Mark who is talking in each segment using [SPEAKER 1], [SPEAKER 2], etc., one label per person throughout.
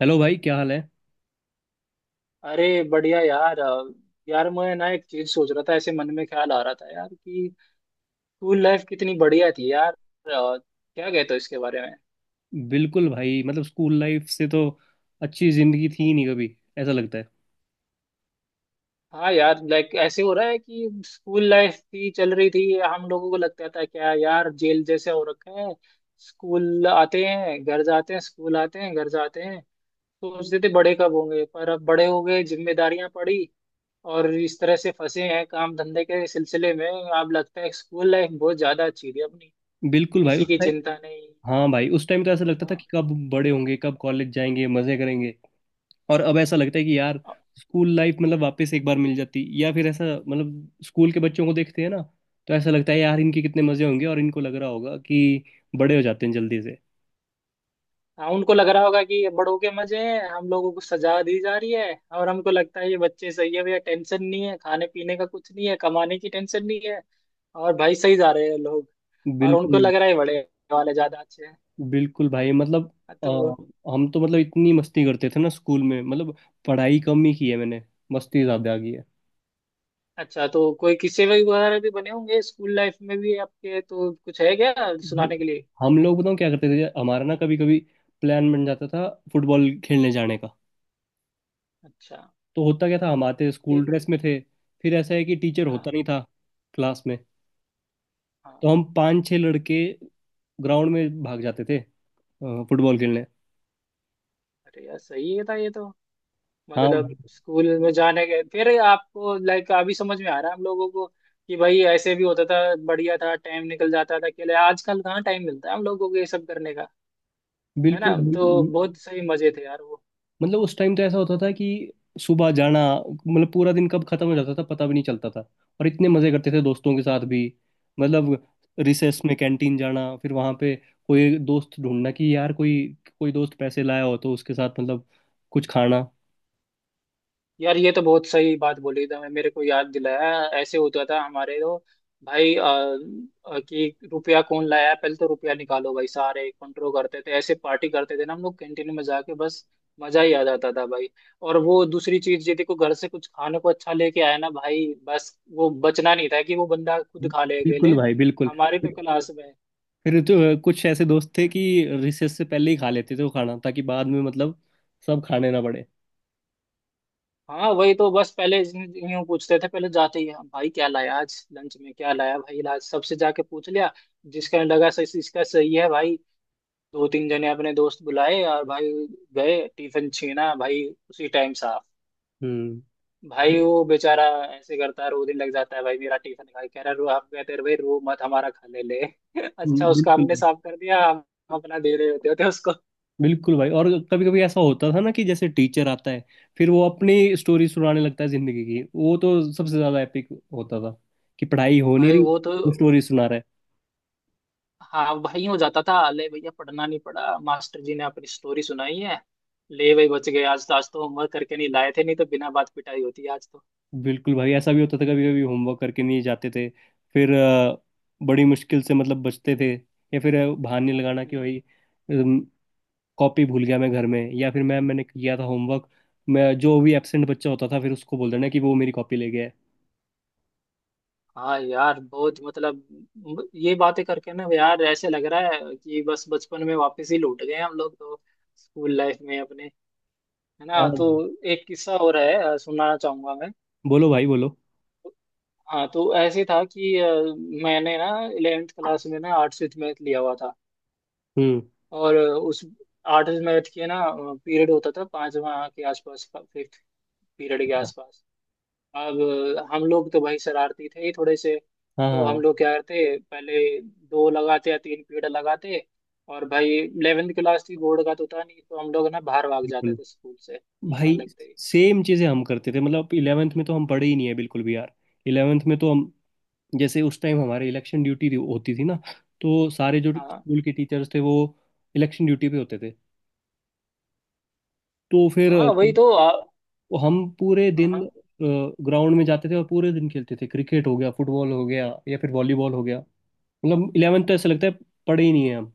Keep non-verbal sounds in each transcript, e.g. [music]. [SPEAKER 1] Hello भाई, क्या हाल है।
[SPEAKER 2] अरे बढ़िया यार। यार मैं ना एक चीज सोच रहा था, ऐसे मन में ख्याल आ रहा था यार कि स्कूल लाइफ कितनी बढ़िया थी यार। क्या कहते हो इसके बारे में?
[SPEAKER 1] बिल्कुल भाई, मतलब स्कूल लाइफ से तो अच्छी जिंदगी थी ही नहीं कभी, ऐसा लगता है।
[SPEAKER 2] हाँ यार, लाइक ऐसे हो रहा है कि स्कूल लाइफ थी, चल रही थी, हम लोगों को लगता था क्या यार जेल जैसे हो रखा है। स्कूल आते हैं घर जाते हैं, स्कूल आते हैं घर जाते हैं। सोचते थे बड़े कब होंगे, पर अब बड़े हो गए, जिम्मेदारियां पड़ी और इस तरह से फंसे हैं काम धंधे के सिलसिले में। अब लगता है स्कूल लाइफ बहुत ज्यादा अच्छी थी अपनी।
[SPEAKER 1] बिल्कुल भाई,
[SPEAKER 2] किसी
[SPEAKER 1] उस
[SPEAKER 2] की
[SPEAKER 1] टाइम।
[SPEAKER 2] चिंता नहीं।
[SPEAKER 1] हाँ भाई, उस टाइम तो ऐसा लगता था
[SPEAKER 2] हाँ।
[SPEAKER 1] कि कब बड़े होंगे, कब कॉलेज जाएंगे, मजे करेंगे। और अब ऐसा लगता है कि यार स्कूल लाइफ मतलब वापस एक बार मिल जाती, या फिर ऐसा मतलब स्कूल के बच्चों को देखते हैं ना, तो ऐसा लगता है यार इनके कितने मजे होंगे। और इनको लग रहा होगा कि बड़े हो जाते हैं जल्दी से।
[SPEAKER 2] हाँ, उनको लग रहा होगा कि ये बड़ों के मजे हैं, हम लोगों को सजा दी जा रही है। और हमको लगता है ये बच्चे सही है भैया, टेंशन नहीं है, खाने पीने का कुछ नहीं है, कमाने की टेंशन नहीं है, और भाई सही जा रहे हैं लोग। और उनको
[SPEAKER 1] बिल्कुल।
[SPEAKER 2] लग रहा है बड़े वाले ज्यादा अच्छे हैं।
[SPEAKER 1] बिल्कुल भाई, मतलब।
[SPEAKER 2] हाँ, तो।
[SPEAKER 1] अ, हम तो मतलब इतनी मस्ती करते थे ना स्कूल में, मतलब पढ़ाई कम ही की है मैंने, मस्ती ज्यादा की है।
[SPEAKER 2] अच्छा, तो कोई किस्से वही वगैरह भी बने होंगे स्कूल लाइफ में भी आपके? तो कुछ है क्या
[SPEAKER 1] भाई,
[SPEAKER 2] सुनाने के लिए?
[SPEAKER 1] हम लोग बताऊँ क्या करते थे, हमारा ना कभी कभी प्लान बन जाता था फुटबॉल खेलने जाने का।
[SPEAKER 2] अच्छा।
[SPEAKER 1] तो होता क्या था, हम आते स्कूल
[SPEAKER 2] फिर।
[SPEAKER 1] ड्रेस में थे। फिर ऐसा है कि टीचर होता
[SPEAKER 2] हाँ
[SPEAKER 1] नहीं था क्लास में। तो
[SPEAKER 2] हाँ।
[SPEAKER 1] हम पांच छह लड़के ग्राउंड में भाग जाते थे फुटबॉल खेलने।
[SPEAKER 2] अरे यार सही है था ये तो।
[SPEAKER 1] हाँ
[SPEAKER 2] मतलब
[SPEAKER 1] भाई।
[SPEAKER 2] स्कूल में जाने के फिर आपको लाइक अभी समझ में आ रहा है हम लोगों को कि भाई ऐसे भी होता था। बढ़िया था, टाइम निकल जाता था अकेले। आजकल कहाँ टाइम मिलता है हम लोगों को ये सब करने का? है ना?
[SPEAKER 1] बिल्कुल भाई,
[SPEAKER 2] तो बहुत सही मजे थे यार वो।
[SPEAKER 1] मतलब उस टाइम तो ऐसा होता था कि सुबह जाना, मतलब पूरा दिन कब खत्म हो जाता था पता भी नहीं चलता था। और इतने मजे करते थे दोस्तों के साथ भी, मतलब रिसेस में कैंटीन जाना, फिर वहां पे कोई दोस्त ढूंढना कि यार कोई कोई दोस्त पैसे लाया हो तो उसके साथ मतलब कुछ खाना।
[SPEAKER 2] यार ये तो बहुत सही बात बोली, था मेरे को याद दिलाया। ऐसे होता था हमारे तो भाई। कि रुपया कौन लाया? पहले तो रुपया निकालो भाई, सारे कंट्रोल करते थे, ऐसे पार्टी करते थे ना हम लोग कैंटीन में जाके। बस मजा ही आ जाता था भाई। और वो दूसरी चीज, यदि को घर से कुछ खाने को अच्छा लेके आया ना भाई, बस वो बचना नहीं था कि वो बंदा खुद खा ले
[SPEAKER 1] बिल्कुल
[SPEAKER 2] अकेले।
[SPEAKER 1] भाई बिल्कुल।
[SPEAKER 2] हमारी तो क्लास में
[SPEAKER 1] फिर तो कुछ ऐसे दोस्त थे कि रिसेस से पहले ही खा लेते थे वो खाना, ताकि बाद में मतलब सब खाने ना पड़े।
[SPEAKER 2] हाँ वही तो, बस पहले यूं पूछते थे, पहले जाते ही, हाँ भाई क्या लाया आज लंच में, क्या लाया भाई, आज सबसे जाके पूछ लिया, जिसका लगा सही, इसका सही है भाई। दो तीन जने अपने दोस्त बुलाए और भाई गए, टिफिन छीना भाई, उसी टाइम साफ।
[SPEAKER 1] हम्म।
[SPEAKER 2] भाई वो बेचारा ऐसे करता है रो, दिन लग जाता है भाई मेरा टिफिन खा के, कह रहा है रो, आप कहते हैं भाई रो मत, हमारा खा ले [laughs] ले। अच्छा, उसका
[SPEAKER 1] बिल्कुल
[SPEAKER 2] हमने साफ कर दिया, हम अपना दे रहे होते होते उसको।
[SPEAKER 1] बिल्कुल भाई, और कभी कभी ऐसा होता था ना कि जैसे टीचर आता है, फिर वो अपनी स्टोरी सुनाने लगता है जिंदगी की, वो तो सबसे ज्यादा एपिक होता था कि पढ़ाई हो नहीं
[SPEAKER 2] भाई
[SPEAKER 1] रही,
[SPEAKER 2] वो तो,
[SPEAKER 1] वो स्टोरी सुना रहा
[SPEAKER 2] हाँ भाई हो जाता था, ले भैया पढ़ना नहीं पड़ा, मास्टर जी ने अपनी स्टोरी सुनाई है। ले भाई बच गए आज तो, आज तो होमवर्क करके नहीं लाए थे, नहीं तो बिना बात पिटाई होती आज तो।
[SPEAKER 1] है। बिल्कुल भाई, ऐसा भी होता था कभी कभी होमवर्क करके नहीं जाते थे। फिर बड़ी मुश्किल से मतलब बचते थे, या फिर बहाने लगाना कि
[SPEAKER 2] हम्म।
[SPEAKER 1] भाई अम, कॉपी भूल गया मैं घर में, या फिर मैम मैंने किया था होमवर्क। मैं जो भी एब्सेंट बच्चा होता था फिर उसको बोल देना कि वो मेरी कॉपी ले गया है।
[SPEAKER 2] हाँ यार बहुत मतलब, ये बातें करके ना यार ऐसे लग रहा है कि बस बचपन में वापस ही लौट गए हम लोग तो, स्कूल लाइफ में अपने। है ना?
[SPEAKER 1] हाँ।
[SPEAKER 2] तो एक किस्सा हो रहा है, सुनाना चाहूंगा मैं।
[SPEAKER 1] बोलो भाई बोलो।
[SPEAKER 2] हाँ तो ऐसे था कि मैंने ना 11th क्लास में ना आर्ट्स विथ मैथ लिया हुआ था।
[SPEAKER 1] हम्म।
[SPEAKER 2] और उस आठ मैथ के ना पीरियड होता था पांचवा के आसपास, फिफ्थ पीरियड के
[SPEAKER 1] अच्छा।
[SPEAKER 2] आसपास। अब हम लोग तो भाई शरारती थे ही थोड़े से,
[SPEAKER 1] हाँ
[SPEAKER 2] तो हम
[SPEAKER 1] हाँ।
[SPEAKER 2] लोग क्या करते, पहले दो लगाते या तीन पीरियड लगाते, और भाई 11th क्लास थी, बोर्ड का तो था नहीं, तो हम लोग ना बाहर भाग जाते
[SPEAKER 1] बिल्कुल।
[SPEAKER 2] थे स्कूल से, मौका
[SPEAKER 1] भाई
[SPEAKER 2] लगते ही।
[SPEAKER 1] सेम चीजें हम करते थे, मतलब इलेवेंथ में तो हम पढ़े ही नहीं है बिल्कुल भी यार। इलेवेंथ में तो हम, जैसे उस टाइम हमारे इलेक्शन ड्यूटी होती थी ना। तो सारे जो
[SPEAKER 2] हाँ
[SPEAKER 1] स्कूल के टीचर्स थे वो इलेक्शन ड्यूटी पे होते थे। तो फिर
[SPEAKER 2] हाँ वही तो।
[SPEAKER 1] तो हम पूरे
[SPEAKER 2] हाँ
[SPEAKER 1] दिन
[SPEAKER 2] हाँ।
[SPEAKER 1] ग्राउंड में जाते थे और पूरे दिन खेलते थे, क्रिकेट हो गया, फुटबॉल हो गया, या फिर वॉलीबॉल हो गया, मतलब इलेवेंथ तो ऐसा लगता है पढ़े ही नहीं है हम।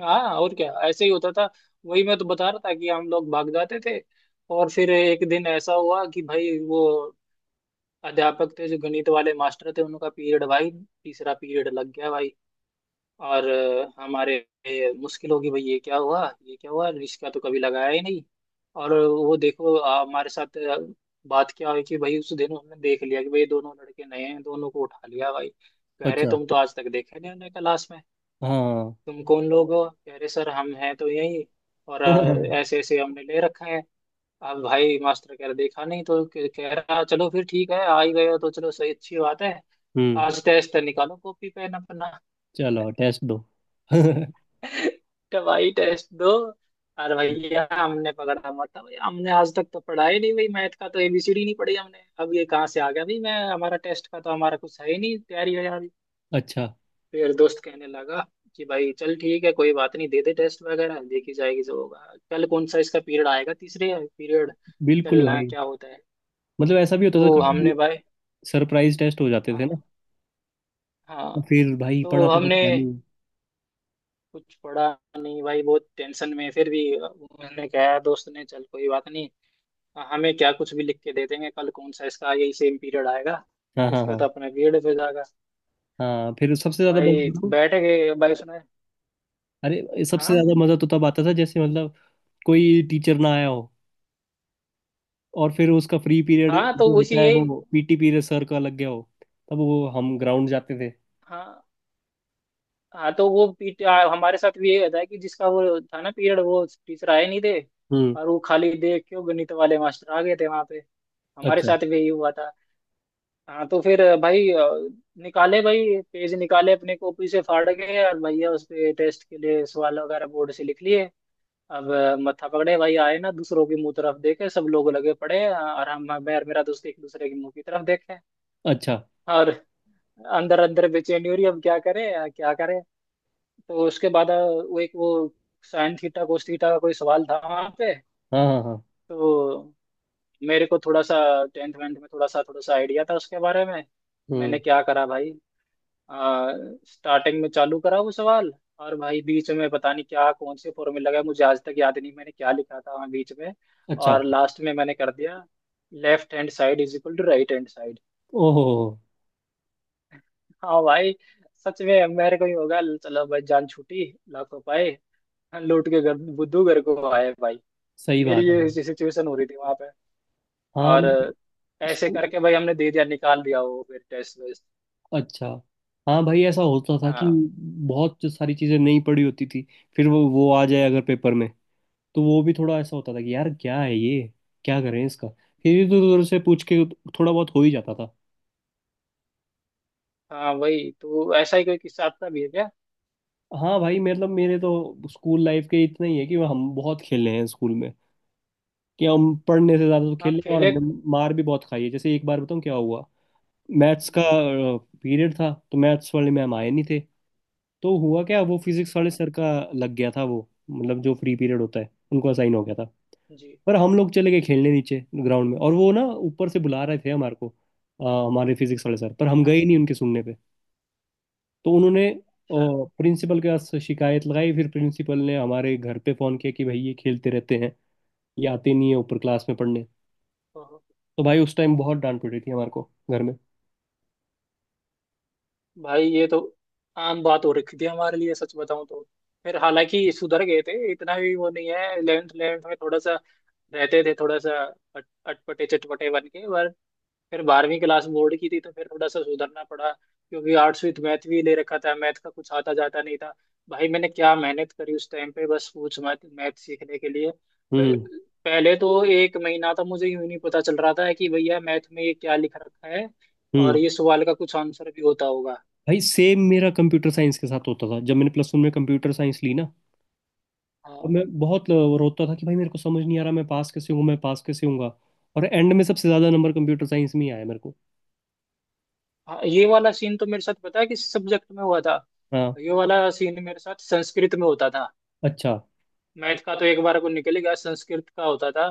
[SPEAKER 2] हाँ, और क्या ऐसे ही होता था। वही मैं तो बता रहा था कि हम लोग भाग जाते थे और फिर एक दिन ऐसा हुआ कि भाई वो अध्यापक थे जो गणित वाले मास्टर थे, उनका पीरियड भाई तीसरा पीरियड लग गया भाई। और हमारे, मुश्किल होगी भाई, ये क्या हुआ, ये क्या हुआ, इसका तो कभी लगाया ही नहीं। और वो देखो हमारे साथ, बात क्या हुई कि भाई उस दिन हमने देख लिया कि भाई दोनों लड़के नए हैं, दोनों को उठा लिया भाई। कह रहे
[SPEAKER 1] अच्छा।
[SPEAKER 2] तुम तो आज तक देखे नहीं हमने क्लास में,
[SPEAKER 1] हाँ।
[SPEAKER 2] तुम कौन लोग हो? कह रहे सर हम हैं तो यही, और
[SPEAKER 1] [laughs]
[SPEAKER 2] ऐसे ऐसे हमने ले रखा है। अब भाई मास्टर कह रहा देखा नहीं, तो कह कह रहा चलो फिर ठीक है, आ ही गए हो तो चलो सही, अच्छी बात है,
[SPEAKER 1] हम्म।
[SPEAKER 2] आज टेस्ट निकालो कॉपी पेन अपना।
[SPEAKER 1] चलो टेस्ट दो।
[SPEAKER 2] तो भाई टेस्ट दो। अरे
[SPEAKER 1] [laughs]
[SPEAKER 2] भैया हमने पकड़ा मत भाई, हमने आज तक तो पढ़ा ही नहीं भाई, मैथ का तो एबीसीडी नहीं पढ़ी हमने, अब ये कहाँ से आ गया भाई मैं, हमारा टेस्ट का तो हमारा कुछ है ही नहीं तैयारी है यार।
[SPEAKER 1] अच्छा।
[SPEAKER 2] फिर दोस्त कहने लगा कि भाई चल ठीक है कोई बात नहीं दे दे, टेस्ट वगैरह देखी जाएगी जो होगा, कल कौन सा इसका पीरियड आएगा तीसरे पीरियड,
[SPEAKER 1] बिल्कुल
[SPEAKER 2] चलना
[SPEAKER 1] भाई,
[SPEAKER 2] क्या होता है।
[SPEAKER 1] मतलब ऐसा भी होता था
[SPEAKER 2] तो
[SPEAKER 1] कभी
[SPEAKER 2] हमने भाई,
[SPEAKER 1] सरप्राइज टेस्ट हो जाते थे ना।
[SPEAKER 2] हाँ हाँ,
[SPEAKER 1] तो फिर भाई
[SPEAKER 2] तो
[SPEAKER 1] पढ़ा तो कुछ
[SPEAKER 2] हमने
[SPEAKER 1] है नहीं।
[SPEAKER 2] कुछ पड़ा नहीं भाई, बहुत टेंशन में, फिर भी मैंने कहा, दोस्त ने चल कोई बात नहीं, हमें क्या, कुछ भी लिख के दे देंगे, कल कौन सा इसका यही सेम पीरियड आएगा,
[SPEAKER 1] हाँ हाँ
[SPEAKER 2] इसका तो
[SPEAKER 1] हाँ।
[SPEAKER 2] अपना पीरियड पे जाएगा।
[SPEAKER 1] हाँ फिर सबसे ज्यादा
[SPEAKER 2] भाई
[SPEAKER 1] मजा।
[SPEAKER 2] बैठ गए भाई सुना।
[SPEAKER 1] अरे सबसे
[SPEAKER 2] हाँ
[SPEAKER 1] ज्यादा मजा तो तब आता था जैसे मतलब कोई टीचर ना आया हो, और फिर उसका फ्री पीरियड
[SPEAKER 2] हाँ तो
[SPEAKER 1] जो
[SPEAKER 2] उसी
[SPEAKER 1] होता है
[SPEAKER 2] यही।
[SPEAKER 1] वो पीटी पीरियड सर का लग गया हो, तब वो हम ग्राउंड जाते थे।
[SPEAKER 2] हाँ हाँ तो वो पीट हमारे साथ भी यही होता है कि जिसका वो था ना पीरियड वो टीचर आए नहीं थे,
[SPEAKER 1] हम्म।
[SPEAKER 2] और वो खाली देख क्यों गणित वाले मास्टर आ गए थे वहां पे, हमारे
[SPEAKER 1] अच्छा।
[SPEAKER 2] साथ भी यही हुआ था। हाँ तो फिर भाई निकाले भाई पेज, निकाले अपने कॉपी से फाड़ के, और भैया उस पे टेस्ट के लिए सवाल वगैरह बोर्ड से लिख लिए। अब मत्था पकड़े भाई आए ना, दूसरों की मुंह तरफ देखे, सब लोग लगे पड़े, और हम, मैं और मेरा दोस्त एक दूसरे की मुंह की तरफ देखे।
[SPEAKER 1] अच्छा।
[SPEAKER 2] और अंदर अंदर बेचैनी हो रही, अब क्या करें, क्या करें। तो उसके बाद वो साइन थीटा कोस थीटा का कोई सवाल था वहां पे।
[SPEAKER 1] हाँ हाँ हाँ।
[SPEAKER 2] तो मेरे को थोड़ा सा टेंथ वेंथ में थोड़ा सा आइडिया था उसके बारे में। मैंने
[SPEAKER 1] हम्म।
[SPEAKER 2] क्या करा भाई, आ, स्टार्टिंग में चालू करा वो सवाल, और भाई बीच में पता नहीं क्या, कौन से फॉर्मूला का मुझे आज तक याद नहीं मैंने क्या लिखा था वहाँ बीच में।
[SPEAKER 1] अच्छा।
[SPEAKER 2] और लास्ट में मैंने कर दिया left hand side is equal to right hand side.
[SPEAKER 1] ओहो।
[SPEAKER 2] हाँ भाई, सच में मेरे को ही होगा, चलो भाई जान छूटी, लाखों पाए, लौट के घर, बुद्धू घर को आए भाई।
[SPEAKER 1] सही बात
[SPEAKER 2] मेरी
[SPEAKER 1] है
[SPEAKER 2] ये
[SPEAKER 1] भाई।
[SPEAKER 2] सिचुएशन हो रही थी वहां पे।
[SPEAKER 1] हाँ
[SPEAKER 2] और ऐसे
[SPEAKER 1] मतलब।
[SPEAKER 2] करके भाई हमने दे दिया, निकाल दिया वो फिर टेस्ट वेस्ट।
[SPEAKER 1] अच्छा। हाँ भाई, ऐसा होता था कि
[SPEAKER 2] हाँ
[SPEAKER 1] बहुत जो सारी चीज़ें नहीं पड़ी होती थी, फिर वो आ जाए अगर पेपर में, तो वो भी थोड़ा ऐसा होता था कि यार क्या है ये, क्या करें इसका। फिर इधर उधर से पूछ के थोड़ा बहुत हो ही जाता था।
[SPEAKER 2] हाँ वही तो। ऐसा ही कोई किस्सा आपका भी है क्या?
[SPEAKER 1] हाँ भाई, मतलब मेरे तो स्कूल लाइफ के इतना ही है कि हम बहुत खेले हैं स्कूल में, कि हम पढ़ने से ज़्यादा तो खेले
[SPEAKER 2] आप
[SPEAKER 1] हैं, और
[SPEAKER 2] खेले।
[SPEAKER 1] हमने मार भी बहुत खाई है। जैसे एक बार बताऊँ क्या हुआ। मैथ्स का
[SPEAKER 2] हम्म।
[SPEAKER 1] पीरियड था, तो मैथ्स वाले मैम आए नहीं थे। तो हुआ क्या, वो फिजिक्स वाले
[SPEAKER 2] हाँ
[SPEAKER 1] सर का लग गया था वो, मतलब जो फ्री पीरियड होता है उनको असाइन हो गया था।
[SPEAKER 2] जी
[SPEAKER 1] पर हम लोग चले गए खेलने नीचे ग्राउंड में, और वो ना ऊपर से बुला रहे थे हमारे को हमारे फिजिक्स वाले सर। पर हम
[SPEAKER 2] हाँ।
[SPEAKER 1] गए नहीं उनके सुनने पे। तो उन्होंने
[SPEAKER 2] अच्छा,
[SPEAKER 1] प्रिंसिपल के पास शिकायत लगाई। फिर प्रिंसिपल ने हमारे घर पे फोन किया कि भाई ये खेलते रहते हैं, ये आते नहीं है ऊपर क्लास में पढ़ने।
[SPEAKER 2] तो
[SPEAKER 1] तो भाई उस टाइम बहुत डांट पड़ी थी हमारे को घर में।
[SPEAKER 2] भाई ये तो आम बात हो रखी थी हमारे लिए सच बताऊं तो। फिर हालांकि सुधर गए थे, इतना भी वो नहीं है। इलेवेंथ इलेवेंथ में थोड़ा सा रहते थे थोड़ा सा अटपटे चटपटे बन के, पर फिर 12वीं क्लास बोर्ड की थी तो फिर थोड़ा सा सुधरना पड़ा, क्योंकि आर्ट्स विद मैथ भी ले रखा था, मैथ का कुछ आता जाता नहीं था भाई। मैंने क्या मेहनत करी उस टाइम पे बस पूछ मत, मैथ सीखने के लिए
[SPEAKER 1] हम्म।
[SPEAKER 2] पहले तो एक महीना था मुझे यूं ही नहीं पता चल रहा था कि भैया मैथ में ये क्या लिख रखा है,
[SPEAKER 1] हम्म।
[SPEAKER 2] और ये सवाल का कुछ आंसर भी होता होगा।
[SPEAKER 1] भाई सेम मेरा कंप्यूटर साइंस के साथ होता था जब मैंने प्लस वन में कंप्यूटर साइंस ली ना। और
[SPEAKER 2] हाँ
[SPEAKER 1] मैं बहुत रोता था कि भाई मेरे को समझ नहीं आ रहा, मैं पास कैसे हूँ, मैं पास कैसे हूँगा। और एंड में सबसे ज्यादा नंबर कंप्यूटर साइंस में ही आया मेरे को।
[SPEAKER 2] हाँ। ये वाला सीन तो मेरे साथ पता है किस सब्जेक्ट में हुआ था?
[SPEAKER 1] हाँ।
[SPEAKER 2] ये वाला सीन मेरे साथ संस्कृत में होता था।
[SPEAKER 1] अच्छा।
[SPEAKER 2] मैथ का तो एक बार को निकल ही गया, संस्कृत का होता था।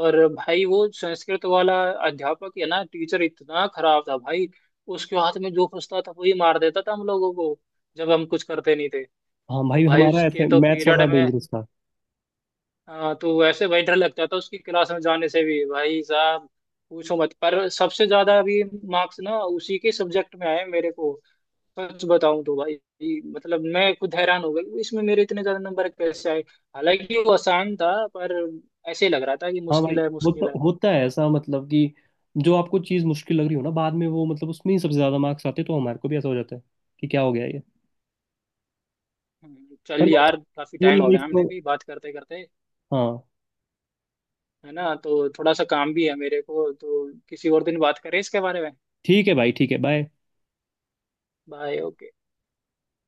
[SPEAKER 2] और भाई वो संस्कृत वाला अध्यापक है ना, टीचर इतना खराब था भाई, उसके हाथ में जो फंसता था वही मार देता था हम लोगों को, जब हम कुछ करते नहीं थे।
[SPEAKER 1] हाँ
[SPEAKER 2] और
[SPEAKER 1] भाई,
[SPEAKER 2] भाई
[SPEAKER 1] हमारा
[SPEAKER 2] उसके
[SPEAKER 1] ऐसे
[SPEAKER 2] तो
[SPEAKER 1] मैथ्स
[SPEAKER 2] पीरियड
[SPEAKER 1] वाला
[SPEAKER 2] में,
[SPEAKER 1] डेंजरस था।
[SPEAKER 2] हाँ, तो ऐसे भाई डर लगता था उसकी क्लास में जाने से भी भाई साहब, पूछो मत। पर सबसे ज्यादा अभी मार्क्स ना उसी के सब्जेक्ट में आए मेरे को, सच बताऊं तो भाई, मतलब मैं खुद हैरान हो गया कि इसमें मेरे इतने ज्यादा नंबर कैसे आए। हालांकि वो आसान था, पर ऐसे लग रहा था कि
[SPEAKER 1] हाँ भाई,
[SPEAKER 2] मुश्किल है
[SPEAKER 1] होता
[SPEAKER 2] मुश्किल है।
[SPEAKER 1] होता है ऐसा मतलब कि जो आपको चीज़ मुश्किल लग रही हो ना, बाद में वो मतलब उसमें ही सबसे ज्यादा मार्क्स आते हैं, तो हमारे को भी ऐसा हो जाता है कि क्या हो गया ये। पर
[SPEAKER 2] चल
[SPEAKER 1] बस
[SPEAKER 2] यार काफी
[SPEAKER 1] स्कूल
[SPEAKER 2] टाइम हो
[SPEAKER 1] लाइफ
[SPEAKER 2] गया हमने
[SPEAKER 1] तो।
[SPEAKER 2] भी बात करते करते।
[SPEAKER 1] हाँ
[SPEAKER 2] है ना? तो थोड़ा सा काम भी है मेरे को, तो किसी और दिन बात करें इसके बारे में।
[SPEAKER 1] ठीक है भाई, ठीक है। बाय।
[SPEAKER 2] बाय। ओके।